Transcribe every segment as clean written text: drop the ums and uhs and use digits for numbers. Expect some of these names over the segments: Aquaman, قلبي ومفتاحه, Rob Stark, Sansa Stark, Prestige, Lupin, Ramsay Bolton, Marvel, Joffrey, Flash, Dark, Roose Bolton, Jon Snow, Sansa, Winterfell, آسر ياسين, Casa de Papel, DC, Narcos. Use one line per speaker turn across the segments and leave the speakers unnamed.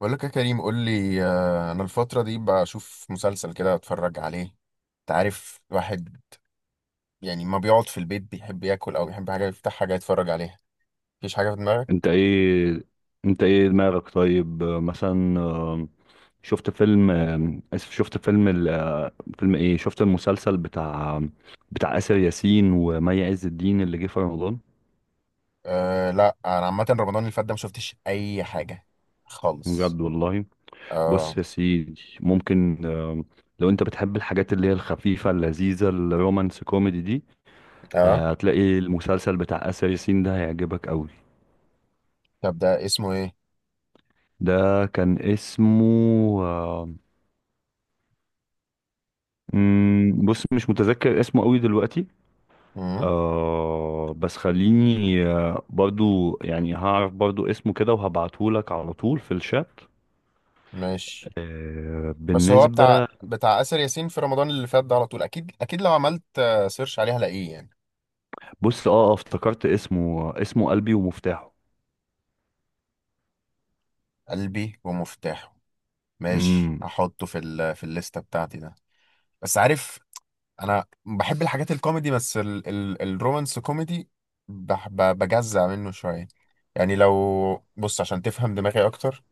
بقول لك يا كريم، قول لي. انا الفتره دي بشوف مسلسل كده، اتفرج عليه. انت عارف الواحد يعني ما بيقعد في البيت، بيحب ياكل او بيحب حاجه، يفتح حاجه يتفرج عليها. مفيش حاجه في
انت
دماغك؟
ايه انت ايه دماغك؟ طيب، مثلا، شفت فيلم ال... آه، فيلم ايه شفت المسلسل بتاع آسر ياسين ومي عز الدين اللي جه في رمضان.
أه لا، انا عامه رمضان اللي فات ده ما شفتش اي حاجه خالص.
بجد والله.
اه.
بص يا سيدي، ممكن لو انت بتحب الحاجات اللي هي الخفيفة اللذيذة الرومانس كوميدي دي،
اه.
هتلاقي المسلسل بتاع آسر ياسين ده هيعجبك قوي.
طب ده اسمه ايه؟
ده كان اسمه آه، بص، مش متذكر اسمه قوي دلوقتي.
امم
بس خليني برضو يعني هعرف برضو اسمه كده وهبعتهولك على طول في الشات.
ماشي. بس هو بتاع
بالنسبة،
بتاع آسر ياسين في رمضان اللي فات ده، على طول اكيد اكيد لو عملت سيرش عليه هلاقيه يعني.
بص افتكرت اسمه، اسمه قلبي ومفتاحه.
قلبي ومفتاحه، ماشي،
امم.
هحطه في الليسته بتاعتي ده. بس عارف، انا بحب الحاجات الكوميدي، بس ال ال الرومانس كوميدي بجزع منه شوية. يعني لو بص عشان تفهم دماغي اكتر.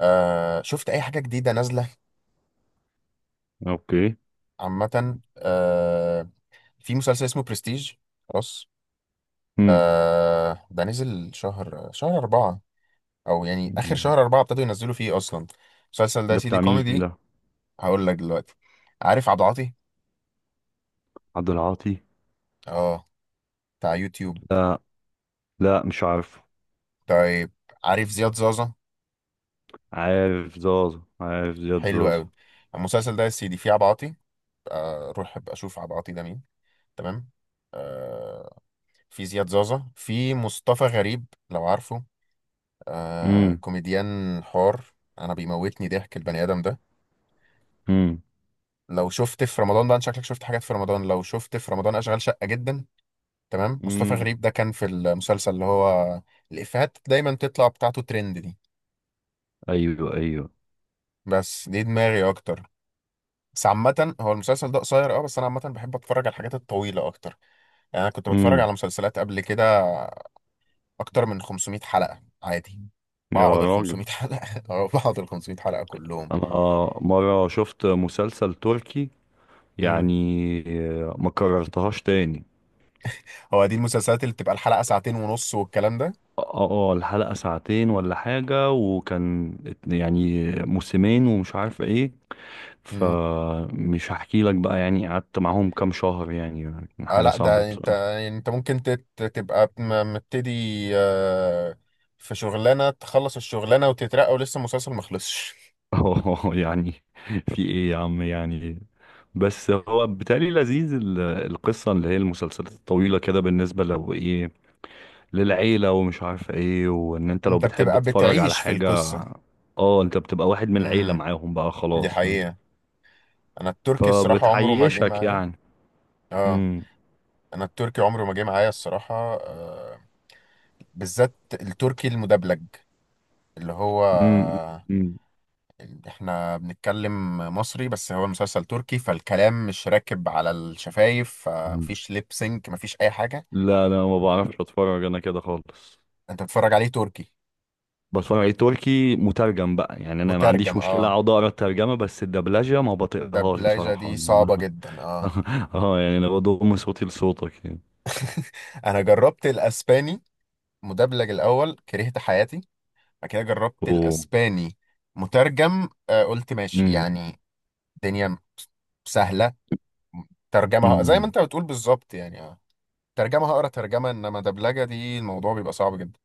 شفت اي حاجة جديدة نازلة؟
اوكي.
عامة، في مسلسل اسمه برستيج. خلاص.
امم.
ده نزل شهر أربعة، أو يعني آخر شهر أربعة ابتدوا ينزلوا فيه أصلا. المسلسل ده يا
ده
سيدي
بتاع مين
كوميدي.
ده؟
هقول لك دلوقتي. عارف عبد العاطي؟
عبد العاطي؟
اه، بتاع يوتيوب.
لا، لا مش عارف.
طيب، عارف زياد زازا؟
عارف زازا عارف زياد
حلو
زازا.
قوي. المسلسل ده يا سيدي فيه عبعاطي. اروح ابقى اشوف عبعاطي ده مين. تمام. آه، في زياد زازا، في مصطفى غريب لو عارفه،
امم.
كوميديان حار. انا بيموتني ضحك البني ادم ده.
امم.
لو شفت في رمضان ده، أنت شكلك شفت حاجات في رمضان، لو شفت في رمضان اشغال شقة جدا. تمام. مصطفى
امم.
غريب ده كان في المسلسل اللي هو الافيهات دايما تطلع بتاعته ترند دي.
ايوه ايوه.
بس دي دماغي اكتر. بس عامة، هو المسلسل ده قصير، اه، بس انا عامة بحب اتفرج على الحاجات الطويلة اكتر. يعني انا كنت بتفرج
امم.
على مسلسلات قبل كده اكتر من 500 حلقة عادي.
يا
بقعد ال
راجل،
500 حلقة أو بقعد ال 500 حلقة كلهم.
انا مرة شفت مسلسل تركي،
امم.
يعني ما كررتهاش تاني.
هو دي المسلسلات اللي بتبقى الحلقة ساعتين ونص والكلام ده.
اه اه، الحلقة ساعتين ولا حاجة، وكان يعني موسمين ومش عارف ايه،
امم.
فمش هحكي لك بقى، يعني قعدت معاهم كام شهر، يعني
اه
حاجة
لا،
صعبة
ده انت،
بصراحة.
انت ممكن تبقى مبتدي. آه، في شغلانة تخلص الشغلانة وتترقى ولسه المسلسل مخلصش.
اه يعني، في ايه يا عم يعني؟ بس هو بالتالي لذيذ القصة اللي هي المسلسلات الطويلة كده، بالنسبة لو ايه للعيلة ومش عارف ايه، وان انت لو
انت
بتحب
بتبقى
تتفرج على
بتعيش في
حاجة.
القصة.
اه، انت بتبقى واحد من العيلة
امم.
معاهم بقى
دي
خلاص، فاهم؟
حقيقة. انا التركي الصراحة عمره ما جه
فبتعيشك
معايا.
يعني.
اه،
امم.
انا التركي عمره ما جه معايا الصراحة. بالذات التركي المدبلج، اللي هو
امم. أمم.
احنا بنتكلم مصري بس هو المسلسل تركي، فالكلام مش راكب على الشفايف، فمفيش ليب سينك، مفيش اي حاجة.
لا لا، ما بعرفش اتفرج انا كده خالص.
انت بتتفرج عليه تركي
بتفرج على تركي مترجم بقى، يعني انا ما عنديش
مترجم؟
مشكلة
اه.
اقعد اقرا الترجمة، بس الدبلجة ما بطيقهاش
الدبلجة
بصراحة.
دي صعبة جدا، اه.
اه يعني انا بضم صوتي لصوتك يعني.
انا جربت الاسباني مدبلج الاول، كرهت حياتي. بعد كده جربت
اوه.
الاسباني مترجم، قلت ماشي
امم.
يعني، الدنيا سهلة. ترجمة زي ما
أمم.
انت بتقول بالظبط يعني، اه. ترجمة هقرا ترجمة، انما دبلجة دي الموضوع بيبقى صعب جدا.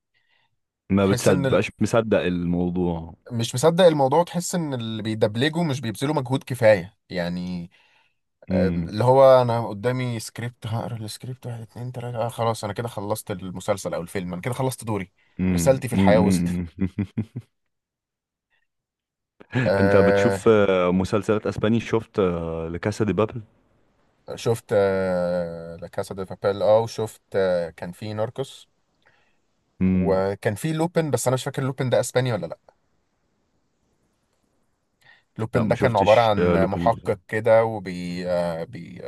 ما
تحس ان
بتصدق بقاش مصدق الموضوع.
مش مصدق الموضوع، تحس ان اللي بيدبلجوا مش بيبذلوا مجهود كفاية يعني.
امم.
اللي هو انا قدامي سكريبت، هقرا السكريبت واحد اتنين تلاتة، خلاص انا كده خلصت المسلسل او الفيلم، انا كده خلصت دوري.
مم،
رسالتي في
مم،
الحياة وصلت.
مم، مم. انت
آه
بتشوف مسلسلات اسباني؟ شفت لكاسا دي بابل؟
شفت لا كاسا دي بابيل، اه، وشفت كان في ناركوس،
مم.
وكان في لوبن، بس انا مش فاكر لوبن ده اسباني ولا لا.
لا
لوبن
ما
ده كان عبارة
شفتش
عن
لوبين بصراحه.
محقق كده، وبي آه، بي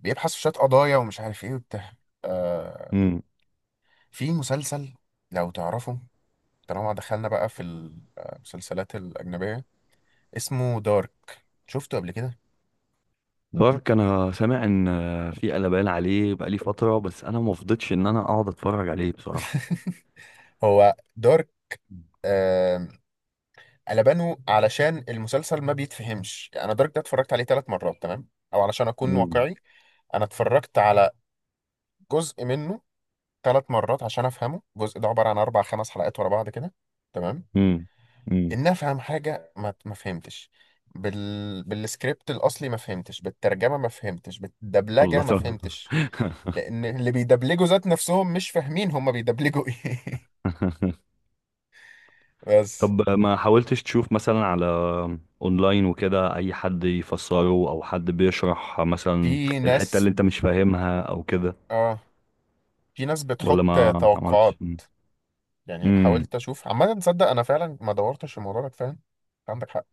بيبحث في شوية قضايا ومش عارف ايه وبتاع. آه
مم.
في مسلسل، لو تعرفه، طالما دخلنا بقى في المسلسلات الأجنبية، اسمه دارك، شفته قبل كده؟
دارك، انا سامع ان في قلبان عليه بقالي فتره، بس انا ما فضيتش ان انا اقعد اتفرج عليه بصراحه.
هو دارك. آه قلبانه علشان المسلسل ما بيتفهمش. أنا دارك ده اتفرجت عليه ثلاث مرات، تمام، أو علشان أكون
مم.
واقعي، أنا اتفرجت على جزء منه ثلاث مرات عشان أفهمه. الجزء ده عبارة عن أربع خمس حلقات ورا بعض كده، تمام،
مم. مم.
ان افهم حاجه ما فهمتش. بالسكريبت الاصلي ما فهمتش، بالترجمه ما فهمتش،
الله،
بالدبلجه ما
طب.
فهمتش، لان اللي بيدبلجوا ذات نفسهم مش فاهمين هما بيدبلجوا ايه. بس،
طب ما حاولتش تشوف مثلا على اونلاين وكده، اي حد يفسره او حد بيشرح مثلا
في
الحته اللي
ناس،
انت مش فاهمها او كده؟
اه، في ناس
ولا
بتحط
ما عملتش؟
توقعات. يعني
امم.
حاولت اشوف، عامه تصدق انا فعلا ما دورتش في الموضوع ده كفايه. أنت عندك حق، كان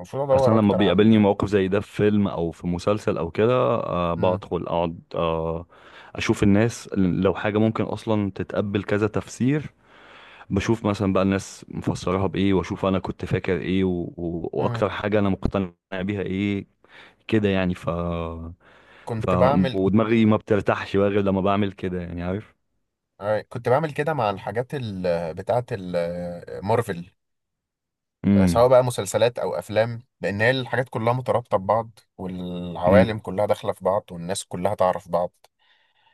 المفروض
اصلا
ادور
لما
اكتر
بيقابلني
عن.
موقف زي ده في فيلم او في مسلسل او كده،
مم.
بدخل اقعد اشوف الناس لو حاجه ممكن اصلا تتقبل كذا تفسير. بشوف مثلا بقى الناس مفسراها بايه، واشوف انا كنت فاكر ايه،
مم.
واكتر حاجه انا مقتنع بيها ايه، كده يعني. ف ف
كنت بعمل
ودماغي ما بترتاحش بقى غير لما بعمل كده، يعني عارف.
كنت بعمل كده مع الحاجات بتاعه مارفل، سواء
امم.
بقى مسلسلات او افلام، لان هي الحاجات كلها مترابطه ببعض، والعوالم
امم.
كلها داخله في بعض، والناس كلها تعرف بعض.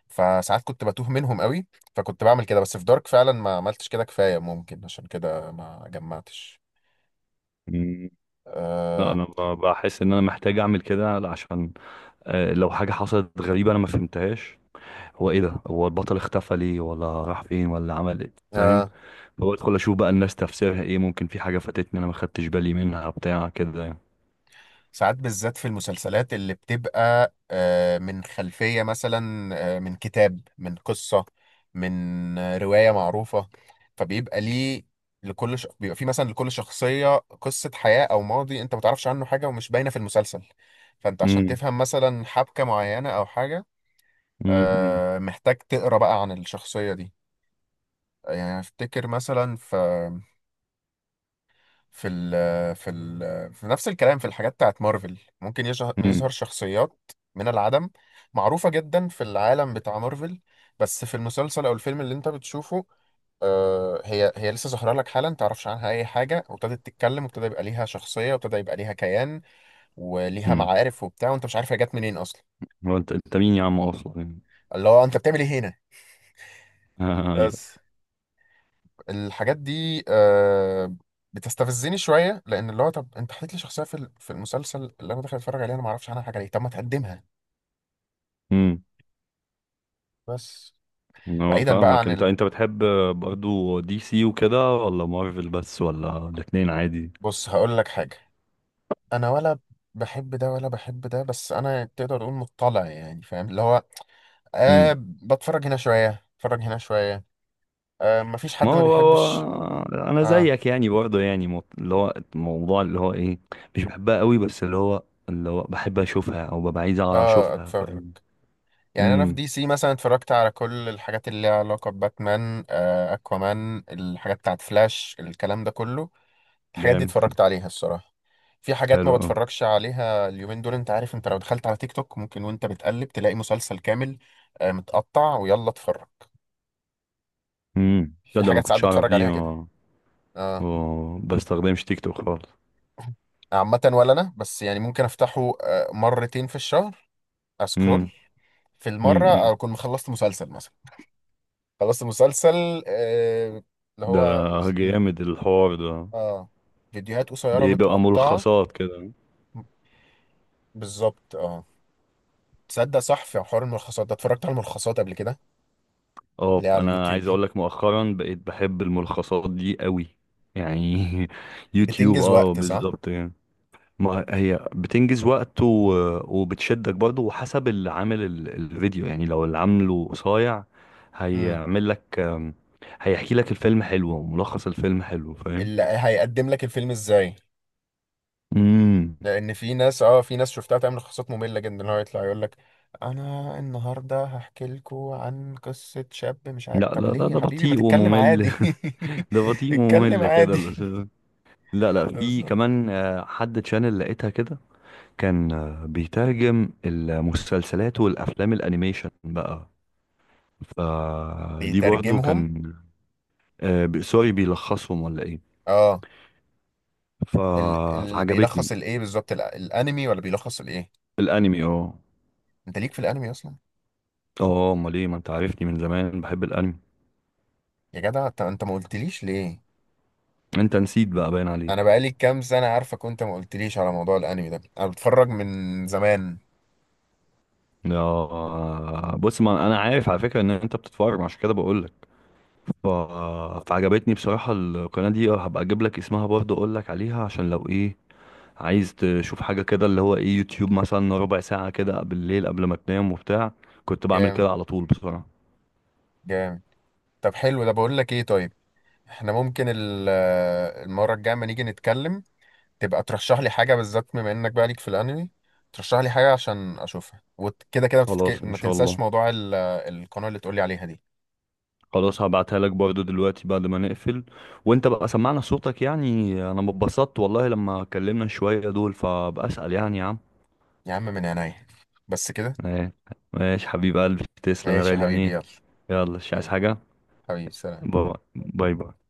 فساعات كنت بتوه منهم قوي، فكنت بعمل كده، بس في دارك فعلا ما عملتش كده كفايه، ممكن عشان كده ما جمعتش.
أمم. لا،
أه.
انا بحس ان انا محتاج اعمل كده، عشان لو حاجة حصلت غريبة أنا ما فهمتهاش، هو إيه ده، هو البطل اختفى ليه ولا راح فين ولا عمل إيه، فاهم؟
أه.
فبدخل أشوف بقى الناس تفسيرها إيه، ممكن في حاجة فاتتني أنا ما خدتش بالي منها بتاع كده يعني.
ساعات بالذات في المسلسلات اللي بتبقى من خلفية، مثلا من كتاب، من قصة، من رواية معروفة، فبيبقى ليه، بيبقى في مثلا لكل شخصية قصة حياة أو ماضي أنت ما تعرفش عنه حاجة، ومش باينة في المسلسل. فأنت عشان
امم.
تفهم مثلا حبكة معينة أو حاجة،
امم.
محتاج تقرأ بقى عن الشخصية دي. يعني أفتكر مثلا في ال في ال في نفس الكلام، في الحاجات بتاعت مارفل ممكن
امم.
يظهر شخصيات من العدم، معروفة جدا في العالم بتاع مارفل، بس في المسلسل أو الفيلم اللي أنت بتشوفه، هي لسه ظاهرة لك حالا، متعرفش عنها أي حاجة، وابتدت تتكلم، وابتدى يبقى ليها شخصية، وابتدى يبقى ليها كيان، وليها
امم.
معارف وبتاع، وأنت مش عارف هي جت منين أصلا.
هو أنت مين يا عم أصلا يعني؟
اللي هو أنت بتعمل إيه هنا؟
أيوه.
بس الحاجات دي بتستفزني شويه، لان اللي هو، طب انت حكيت لي شخصيه في المسلسل اللي انا داخل اتفرج عليها، انا ما اعرفش عنها حاجه، ليه؟ طب ما تقدمها.
امم.
بس
هو
بعيدا بقى
فاهمك،
عن
أنت أنت بتحب برضو دي سي وكده، ولا مارفل بس، ولا الاتنين عادي؟
بص هقول لك حاجه. انا ولا بحب ده ولا بحب ده، بس انا تقدر تقول مطلع يعني، فاهم اللي هو، بتفرج هنا شويه، اتفرج هنا شويه. مفيش
ما
حد ما
هو هو،
بيحبش.
انا
اه.
زيك يعني برضه، يعني اللي هو الموضوع اللي هو ايه، مش بحبها قوي، بس اللي هو بحب اشوفها او ببقى عايز
اه.
اشوفها،
اتفرج.
فاهم.
يعني انا في
امم.
دي سي مثلا اتفرجت على كل الحاجات اللي ليها علاقه بباتمان، اكوامان، الحاجات بتاعت فلاش، الكلام ده كله، الحاجات دي
جامد.
اتفرجت عليها الصراحه. في حاجات
حلو
ما
قوي.
بتفرجش عليها. اليومين دول انت عارف، انت لو دخلت على تيك توك ممكن وانت بتقلب تلاقي مسلسل كامل، متقطع، ويلا اتفرج.
امم.
في
تصدق ما
حاجات ساعات
كنتش اعرف
بتفرج
دي.
عليها كده، اه.
ما بستخدمش تيك توك خالص.
عامه ولا انا، بس يعني ممكن افتحه مرتين في الشهر. اسكرول
امم.
في المره،
امم.
اكون مخلصت مسلسل مثلا، خلصت مسلسل، اللي
ده
هو،
جامد الحوار ده.
اه فيديوهات قصيرة
بيبقى
متقطعة.
ملخصات كده.
بالظبط، اه. تصدق صح، في حوار الملخصات ده، اتفرجت على الملخصات قبل كده،
اه،
اللي هي على
انا
اليوتيوب
عايز
دي.
اقول لك، مؤخرا بقيت بحب الملخصات دي قوي يعني. يوتيوب،
بتنجز
اه
وقت، صح.
بالظبط يعني. ما هي بتنجز وقت، وبتشدك برضه، وحسب اللي عامل الفيديو يعني. لو اللي عامله قصير،
امم.
هيعمل لك هيحكي لك الفيلم حلو وملخص الفيلم حلو، فاهم.
اللي هيقدم لك الفيلم ازاي،
امم.
لان في ناس، اه، في ناس شفتها تعمل لخصات مملة جدا، اللي هو يطلع يقول لك، انا النهارده هحكي لكم عن قصة شاب مش عارف.
لا
طب
لا، ده
ليه يا
ده
حبيبي؟ ما
بطيء
تتكلم
وممل.
عادي.
ده بطيء
اتكلم
وممل كده
عادي.
لا لا، في
بالظبط.
كمان حد تشانل لقيتها كده، كان بيترجم المسلسلات والافلام الانيميشن بقى، فدي برضو
بيترجمهم،
كان سوري بيلخصهم ولا ايه.
اه.
ف...
بيلخص
فعجبتني.
الايه بالظبط، الانمي، ولا بيلخص الايه؟
الانمي، اه.
انت ليك في الانمي اصلا؟
اه امال ايه، ما انت عارفني من زمان بحب الانمي.
يا جدع انت، ما قلتليش ليه؟
انت نسيت بقى، باين
انا
عليك.
بقالي كام سنه عارفك وانت ما قلتليش على موضوع الانمي ده، انا بتفرج من زمان.
اه بص، ما انا عارف على فكره ان انت بتتفرج عشان كده بقول لك. ف... فعجبتني بصراحه القناه دي، اه، هبقى اجيب لك اسمها برضه، اقول لك عليها عشان لو ايه عايز تشوف حاجه كده، اللي هو ايه، يوتيوب مثلا ربع ساعة كده بالليل قبل ما تنام وبتاع. كنت بعمل
جامد.
كده على طول بصراحه.
جامد. طب حلو. ده بقول لك ايه، طيب احنا ممكن المره الجايه لما نيجي نتكلم تبقى ترشح لي حاجه بالذات، بما انك بقى ليك في الانمي، ترشح لي حاجه عشان اشوفها. وكده كده
خلاص ان
ما
شاء
تنساش
الله.
موضوع القناه اللي تقولي عليها دي.
خلاص، هبعتها لك برضو دلوقتي بعد ما نقفل. وانت بقى سمعنا صوتك يعني، انا مبسطت والله لما اتكلمنا شوية دول، فبأسأل يعني يا عم.
يا عم من عينيا. بس كده.
ايه. ماشي حبيب قلبي، تسلم يا
ماشي يا
غالي يعني
حبيبي،
ايه.
يلا.
يلا، مش عايز
يلا
حاجة.
حبيبي، سلام.
باي باي باي.